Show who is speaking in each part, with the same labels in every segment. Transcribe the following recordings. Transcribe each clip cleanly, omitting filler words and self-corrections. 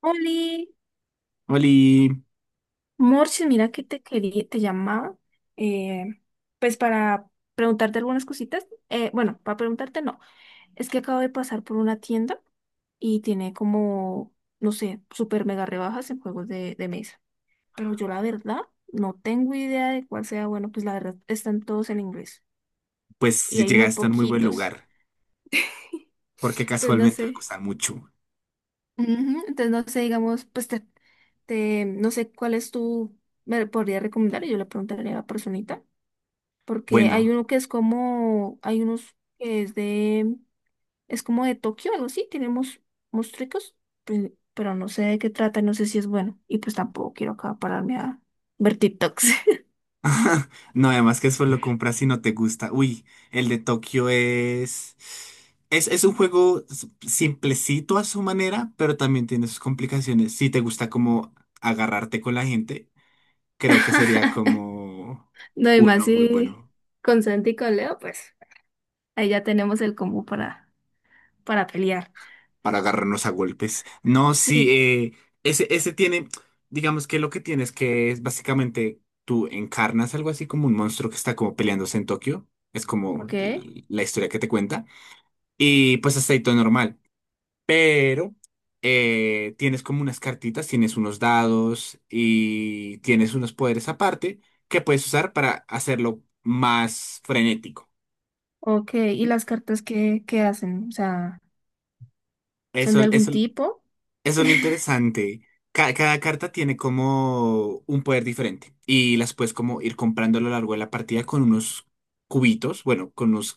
Speaker 1: Oli,
Speaker 2: Oli,
Speaker 1: Morches, mira que te quería, te llamaba, eh, pues para preguntarte algunas cositas. Bueno, para preguntarte no, es que acabo de pasar por una tienda y tiene como, no sé, super mega rebajas en juegos de mesa. Pero yo la verdad no tengo idea de cuál sea bueno, pues la verdad están todos en inglés
Speaker 2: pues
Speaker 1: y
Speaker 2: si
Speaker 1: hay muy
Speaker 2: llegaste a un muy buen
Speaker 1: poquitos.
Speaker 2: lugar, porque
Speaker 1: Entonces no
Speaker 2: casualmente me
Speaker 1: sé.
Speaker 2: gusta mucho.
Speaker 1: Ujú, entonces no sé, digamos, no sé cuál es tu, me podría recomendar y yo le preguntaría a la personita. Porque hay
Speaker 2: Bueno,
Speaker 1: uno que es como, hay unos que es de, es como de Tokio, algo así, tenemos monstruos, pero no sé de qué trata, no sé si es bueno, y pues tampoco quiero acá pararme a ver TikToks.
Speaker 2: no, además que eso lo compras si no te gusta. Uy, el de Tokio es... es un juego s- simplecito a su manera, pero también tiene sus complicaciones. Si te gusta como agarrarte con la gente, creo que sería como
Speaker 1: No, y más
Speaker 2: uno muy
Speaker 1: si
Speaker 2: bueno
Speaker 1: con Santi y con Leo, pues ahí ya tenemos el combo para pelear.
Speaker 2: para agarrarnos a golpes. No, sí,
Speaker 1: Sí,
Speaker 2: ese tiene, digamos que lo que tienes que es básicamente tú encarnas algo así como un monstruo que está como peleándose en Tokio. Es como
Speaker 1: ok,
Speaker 2: l- la historia que te cuenta. Y pues hasta ahí todo normal. Pero tienes como unas cartitas, tienes unos dados y tienes unos poderes aparte que puedes usar para hacerlo más frenético.
Speaker 1: ok, ¿y las cartas qué, qué hacen? O sea, ¿son
Speaker 2: Eso,
Speaker 1: de algún
Speaker 2: eso
Speaker 1: tipo?
Speaker 2: Eso es lo interesante. Ca- cada carta tiene como un poder diferente y las puedes como ir comprando a lo largo de la partida con unos cubitos, bueno, con unos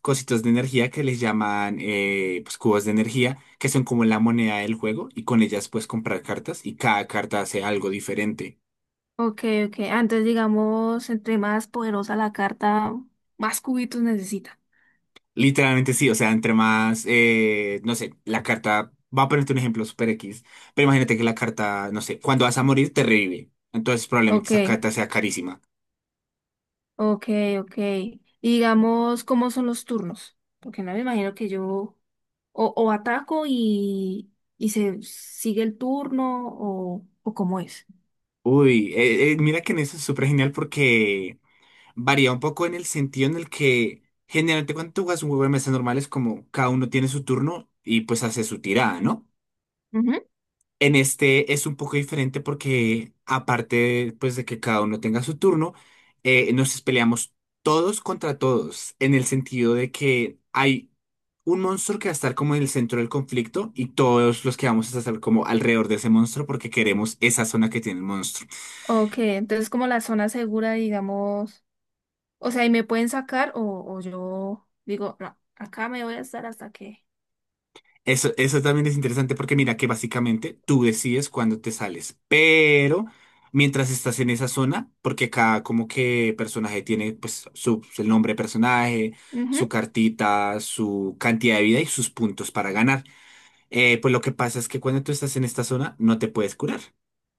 Speaker 2: cositos de energía que les llaman pues, cubos de energía, que son como la moneda del juego y con ellas puedes comprar cartas y cada carta hace algo diferente.
Speaker 1: Ok, ok. Ah, entonces, digamos, entre más poderosa la carta, más cubitos necesita.
Speaker 2: Literalmente sí, o sea, entre más, no sé, la carta, va a ponerte un ejemplo super X, pero imagínate que la carta, no sé, cuando vas a morir te revive, entonces probablemente
Speaker 1: Ok,
Speaker 2: esa carta sea carísima.
Speaker 1: ok, ok. Y digamos, ¿cómo son los turnos? Porque no me imagino que yo o ataco y se sigue el turno o cómo es.
Speaker 2: Uy, mira que en eso es súper genial porque varía un poco en el sentido en el que generalmente cuando tú juegas un juego de mesa normal es como cada uno tiene su turno y pues hace su tirada, ¿no?
Speaker 1: Ujú.
Speaker 2: En este es un poco diferente porque aparte pues de que cada uno tenga su turno, nos peleamos todos contra todos en el sentido de que hay un monstruo que va a estar como en el centro del conflicto y todos los que vamos a estar como alrededor de ese monstruo porque queremos esa zona que tiene el monstruo.
Speaker 1: Ok, entonces como la zona segura, digamos, o sea, y me pueden sacar o yo digo, no, acá me voy a estar hasta que...
Speaker 2: Eso también es interesante porque mira que básicamente tú decides cuándo te sales, pero mientras estás en esa zona, porque cada como que personaje tiene pues su, el nombre de personaje, su
Speaker 1: Ujú.
Speaker 2: cartita, su cantidad de vida y sus puntos para ganar. Pues lo que pasa es que cuando tú estás en esta zona no te puedes curar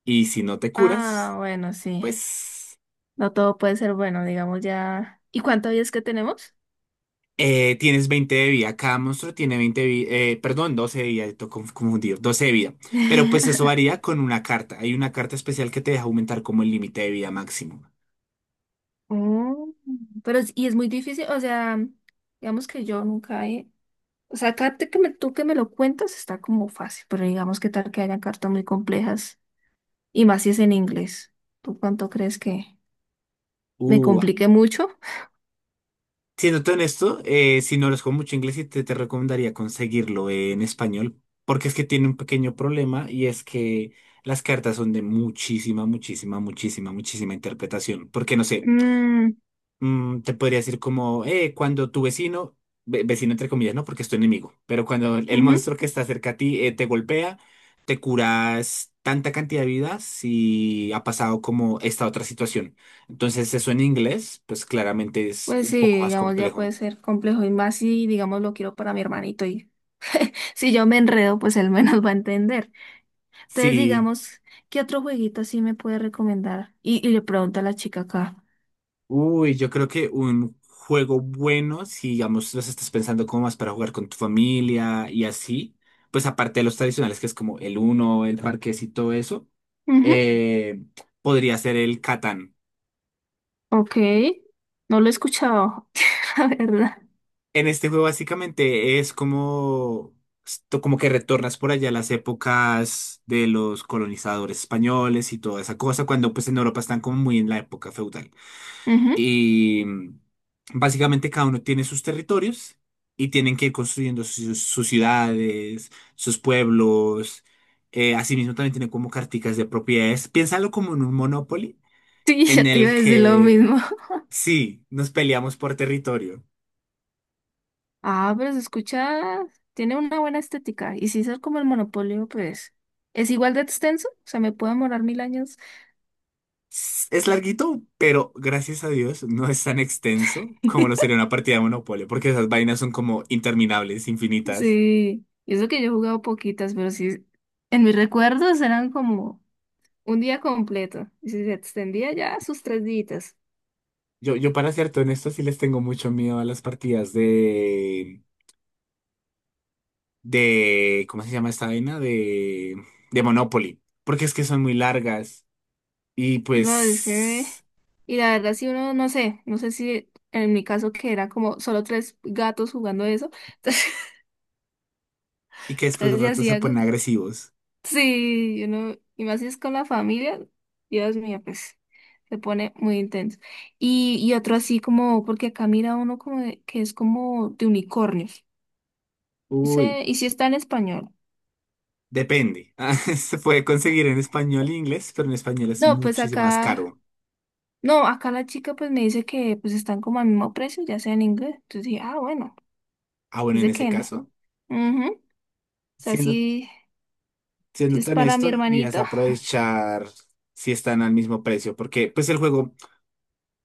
Speaker 2: y si no te
Speaker 1: Ah,
Speaker 2: curas,
Speaker 1: bueno, sí.
Speaker 2: pues
Speaker 1: No todo puede ser bueno, digamos ya. ¿Y cuántos días que tenemos?
Speaker 2: Tienes 20 de vida. Cada monstruo tiene 20 de vida. Perdón, 12 de vida. Estoy confundido. 12 de vida. Pero pues eso varía con una carta. Hay una carta especial que te deja aumentar como el límite de vida máximo.
Speaker 1: Mm. Y es muy difícil, o sea, digamos que yo nunca he, o sea, acá te que me- tú que me lo cuentas está como fácil, pero digamos que tal que hayan cartas muy complejas, y más si es en inglés. ¿Tú cuánto crees que me
Speaker 2: Uh,
Speaker 1: complique mucho?
Speaker 2: siéndote honesto, si no los con mucho inglés, sí te recomendaría conseguirlo en español. Porque es que tiene un pequeño problema y es que las cartas son de muchísima, muchísima, muchísima, muchísima interpretación. Porque no sé.
Speaker 1: Mm,
Speaker 2: Te podría decir como, cuando tu vecino, ve- vecino entre comillas, ¿no? Porque es tu enemigo, pero cuando el
Speaker 1: ujú.
Speaker 2: monstruo que está cerca a ti te golpea, te curas tanta cantidad de vidas si ha pasado como esta otra situación. Entonces eso en inglés, pues claramente es
Speaker 1: Pues
Speaker 2: un
Speaker 1: sí,
Speaker 2: poco más
Speaker 1: digamos, ya puede
Speaker 2: complejo.
Speaker 1: ser complejo, y más si, digamos, lo quiero para mi hermanito, y si yo me enredo, pues él menos va a entender. Entonces,
Speaker 2: Sí.
Speaker 1: digamos, ¿qué otro jueguito así me puede recomendar? Y le pregunta a la chica acá.
Speaker 2: Uy, yo creo que un juego bueno, si digamos los estás pensando como más para jugar con tu familia y así, pues aparte de los tradicionales que es como el Uno, el Parqués y todo eso,
Speaker 1: Ujú.
Speaker 2: eh, podría ser el Catán.
Speaker 1: Ok, no lo he escuchado, la verdad.
Speaker 2: En este juego básicamente es como, esto como que retornas por allá a las épocas de los colonizadores españoles y toda esa cosa, cuando pues en Europa están como muy en la época feudal.
Speaker 1: Ujú.
Speaker 2: Y básicamente cada uno tiene sus territorios y tienen que ir construyendo sus ciudades, sus pueblos. Asimismo también tienen como carticas de propiedades. Piénsalo como en un Monopoly
Speaker 1: Sí,
Speaker 2: en
Speaker 1: ya te iba
Speaker 2: el
Speaker 1: a decir lo mismo.
Speaker 2: que sí, nos peleamos por territorio.
Speaker 1: Ah, pero se escucha, tiene una buena estética. Y si es como el Monopolio, pues es igual de extenso. O sea, me puedo demorar 1000 años.
Speaker 2: S- Es larguito, pero gracias a Dios no es tan extenso como lo sería una partida de Monopoly, porque esas vainas son como interminables, infinitas.
Speaker 1: Sí, y eso que yo he jugado poquitas, pero sí, en mis recuerdos eran como un día completo. Y si se extendía ya sus 3 días.
Speaker 2: Yo para ser honesto, sí les tengo mucho miedo a las partidas de ¿cómo se llama esta vaina? De Monopoly, porque es que son muy largas y
Speaker 1: No, es que,
Speaker 2: pues,
Speaker 1: y la verdad, si uno, no sé, no sé si en mi caso que era como solo 3 gatos jugando eso, entonces,
Speaker 2: y que después de un
Speaker 1: entonces ya
Speaker 2: rato se
Speaker 1: hacía, algo.
Speaker 2: ponen agresivos.
Speaker 1: Sí, uno, y más si es con la familia, Dios mío, pues se pone muy intenso. Y otro así como, porque acá mira uno como de- que es como de unicornios.
Speaker 2: Uy,
Speaker 1: Ese- y si está en español.
Speaker 2: depende. Ah, se puede conseguir en español e inglés, pero en español es
Speaker 1: No, pues
Speaker 2: muchísimo más
Speaker 1: acá,
Speaker 2: caro.
Speaker 1: no, acá la chica pues me dice que pues están como al mismo precio, ya sea en inglés, entonces dije, ah, bueno,
Speaker 2: Ah, bueno, en
Speaker 1: dice
Speaker 2: ese
Speaker 1: que no.
Speaker 2: caso,
Speaker 1: Sea,
Speaker 2: siendo,
Speaker 1: sí, sí
Speaker 2: siendo
Speaker 1: es
Speaker 2: tan
Speaker 1: para mi
Speaker 2: honesto, deberías
Speaker 1: hermanito.
Speaker 2: aprovechar si están al mismo precio, porque pues el juego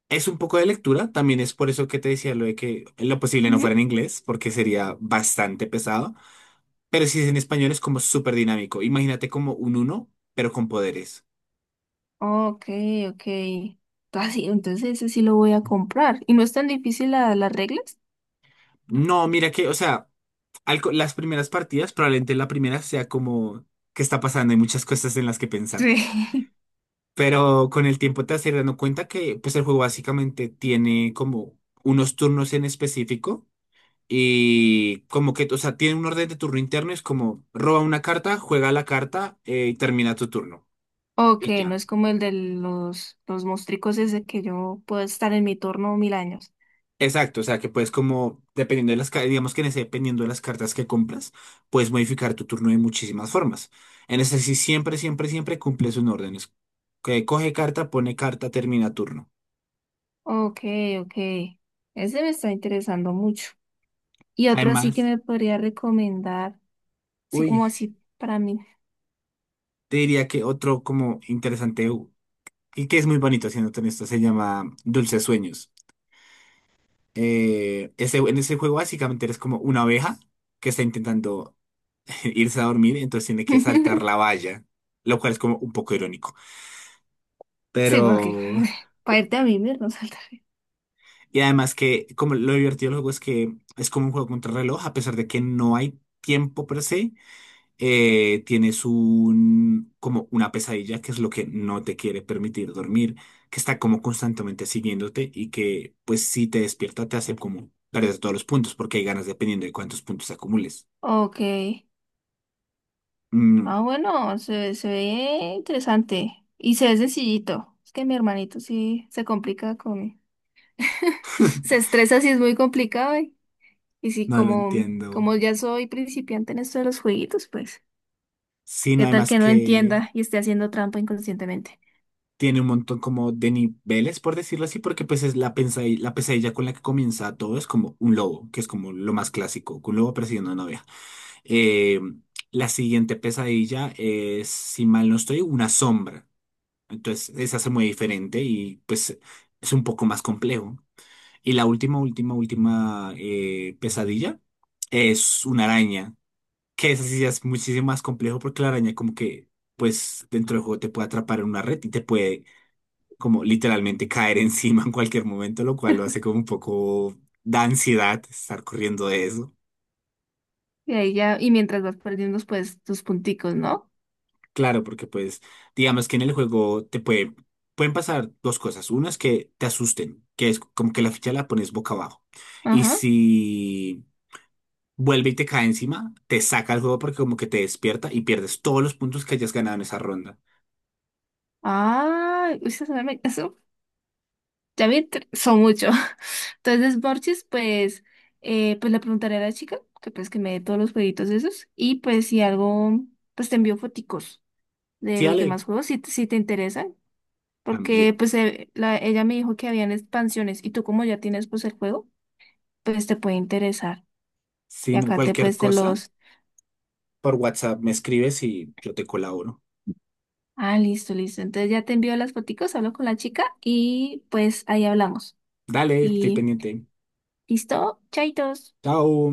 Speaker 2: es un poco de lectura, también es por eso que te decía lo de que en lo posible no
Speaker 1: Ujú.
Speaker 2: fuera en inglés, porque sería bastante pesado. Pero si es en español es como súper dinámico. Imagínate como un uno, pero con poderes.
Speaker 1: Ok, ok. Ah, sí, entonces ese sí lo voy a comprar. ¿Y no es tan difícil la- las reglas?
Speaker 2: No, mira que, o sea, al co- las primeras partidas, probablemente la primera sea como, ¿qué está pasando? Hay muchas cosas en las que pensar.
Speaker 1: Sí.
Speaker 2: Pero con el tiempo te vas a ir dando cuenta que pues el juego básicamente tiene como unos turnos en específico y como que, o sea, tiene un orden de turno interno, es como roba una carta, juega la carta y termina tu turno.
Speaker 1: Ok,
Speaker 2: Y
Speaker 1: no
Speaker 2: ya.
Speaker 1: es como el de los mostricos ese que yo puedo estar en mi turno 1000 años.
Speaker 2: Exacto, o sea que puedes como, dependiendo de las, ca- digamos que en ese, dependiendo de las cartas que compras, puedes modificar tu turno de muchísimas formas. En ese sí siempre, siempre, siempre cumples un orden. Es que coge carta, pone carta, termina turno.
Speaker 1: Ok, ok. Ese me está interesando mucho. Y otro así que
Speaker 2: Además,
Speaker 1: me podría recomendar, así
Speaker 2: uy,
Speaker 1: como así para mí.
Speaker 2: te diría que otro como interesante u- y que es muy bonito haciéndote en esto se llama Dulces Sueños. En ese juego básicamente eres como una abeja que está intentando irse a dormir, entonces tiene que saltar la valla, lo cual es como un poco irónico.
Speaker 1: Sí, porque
Speaker 2: Pero
Speaker 1: para irte a vivir no salta.
Speaker 2: y además que como lo divertido del juego es que es como un juego contra reloj, a pesar de que no hay tiempo per se, tienes un como una pesadilla que es lo que no te quiere permitir dormir, que está como constantemente siguiéndote y que pues si te despierta te hace como perder todos los puntos porque hay ganas dependiendo de cuántos puntos acumules.
Speaker 1: Ok.
Speaker 2: Mm,
Speaker 1: Ah, bueno, se ve interesante y se ve sencillito. Es que mi hermanito sí se complica con... Se estresa si es muy complicado y sí,
Speaker 2: no lo
Speaker 1: como,
Speaker 2: entiendo.
Speaker 1: como ya soy principiante en esto de los jueguitos, pues,
Speaker 2: Sino
Speaker 1: ¿qué tal
Speaker 2: además
Speaker 1: que no
Speaker 2: que
Speaker 1: entienda y esté haciendo trampa inconscientemente?
Speaker 2: tiene un montón como de niveles, por decirlo así, porque pues es la pesadilla con la que comienza todo, es como un lobo, que es como lo más clásico, un lobo persiguiendo a una novia. Eh, la siguiente pesadilla es, si mal no estoy, una sombra. Entonces, esa se muy diferente y pues es un poco más complejo. Y la última, última, última pesadilla es una araña, que esa sí ya es muchísimo más complejo porque la araña como que, pues dentro del juego te puede atrapar en una red y te puede como literalmente caer encima en cualquier momento, lo cual lo hace como un poco da ansiedad estar corriendo de eso.
Speaker 1: Y ahí ya, y mientras vas perdiendo, pues, tus punticos, ¿no?
Speaker 2: Claro, porque pues digamos que en el juego pueden pasar dos cosas. Una es que te asusten, que es como que la ficha la pones boca abajo. Y
Speaker 1: Ajá.
Speaker 2: si vuelve y te cae encima, te saca el juego porque como que te despierta y pierdes todos los puntos que hayas ganado en esa ronda.
Speaker 1: Ah, uy, eso. Ya vi, tre- son muchos. Entonces, Borchis, pues, pues le preguntaré a la chica que pues que me dé todos los jueguitos esos. Y pues si algo, pues te envío foticos de
Speaker 2: Sí,
Speaker 1: los
Speaker 2: Ale,
Speaker 1: demás juegos si te interesan. Porque
Speaker 2: también.
Speaker 1: pues la- ella me dijo que habían expansiones y tú como ya tienes pues el juego, pues te puede interesar.
Speaker 2: Si
Speaker 1: Y
Speaker 2: no,
Speaker 1: acá te
Speaker 2: cualquier
Speaker 1: pues te
Speaker 2: cosa,
Speaker 1: los...
Speaker 2: por WhatsApp me escribes y yo te colaboro.
Speaker 1: Ah, listo, listo. Entonces ya te envío las foticos, hablo con la chica y pues ahí hablamos.
Speaker 2: Dale, estoy
Speaker 1: Y
Speaker 2: pendiente.
Speaker 1: listo, chaitos.
Speaker 2: Chao.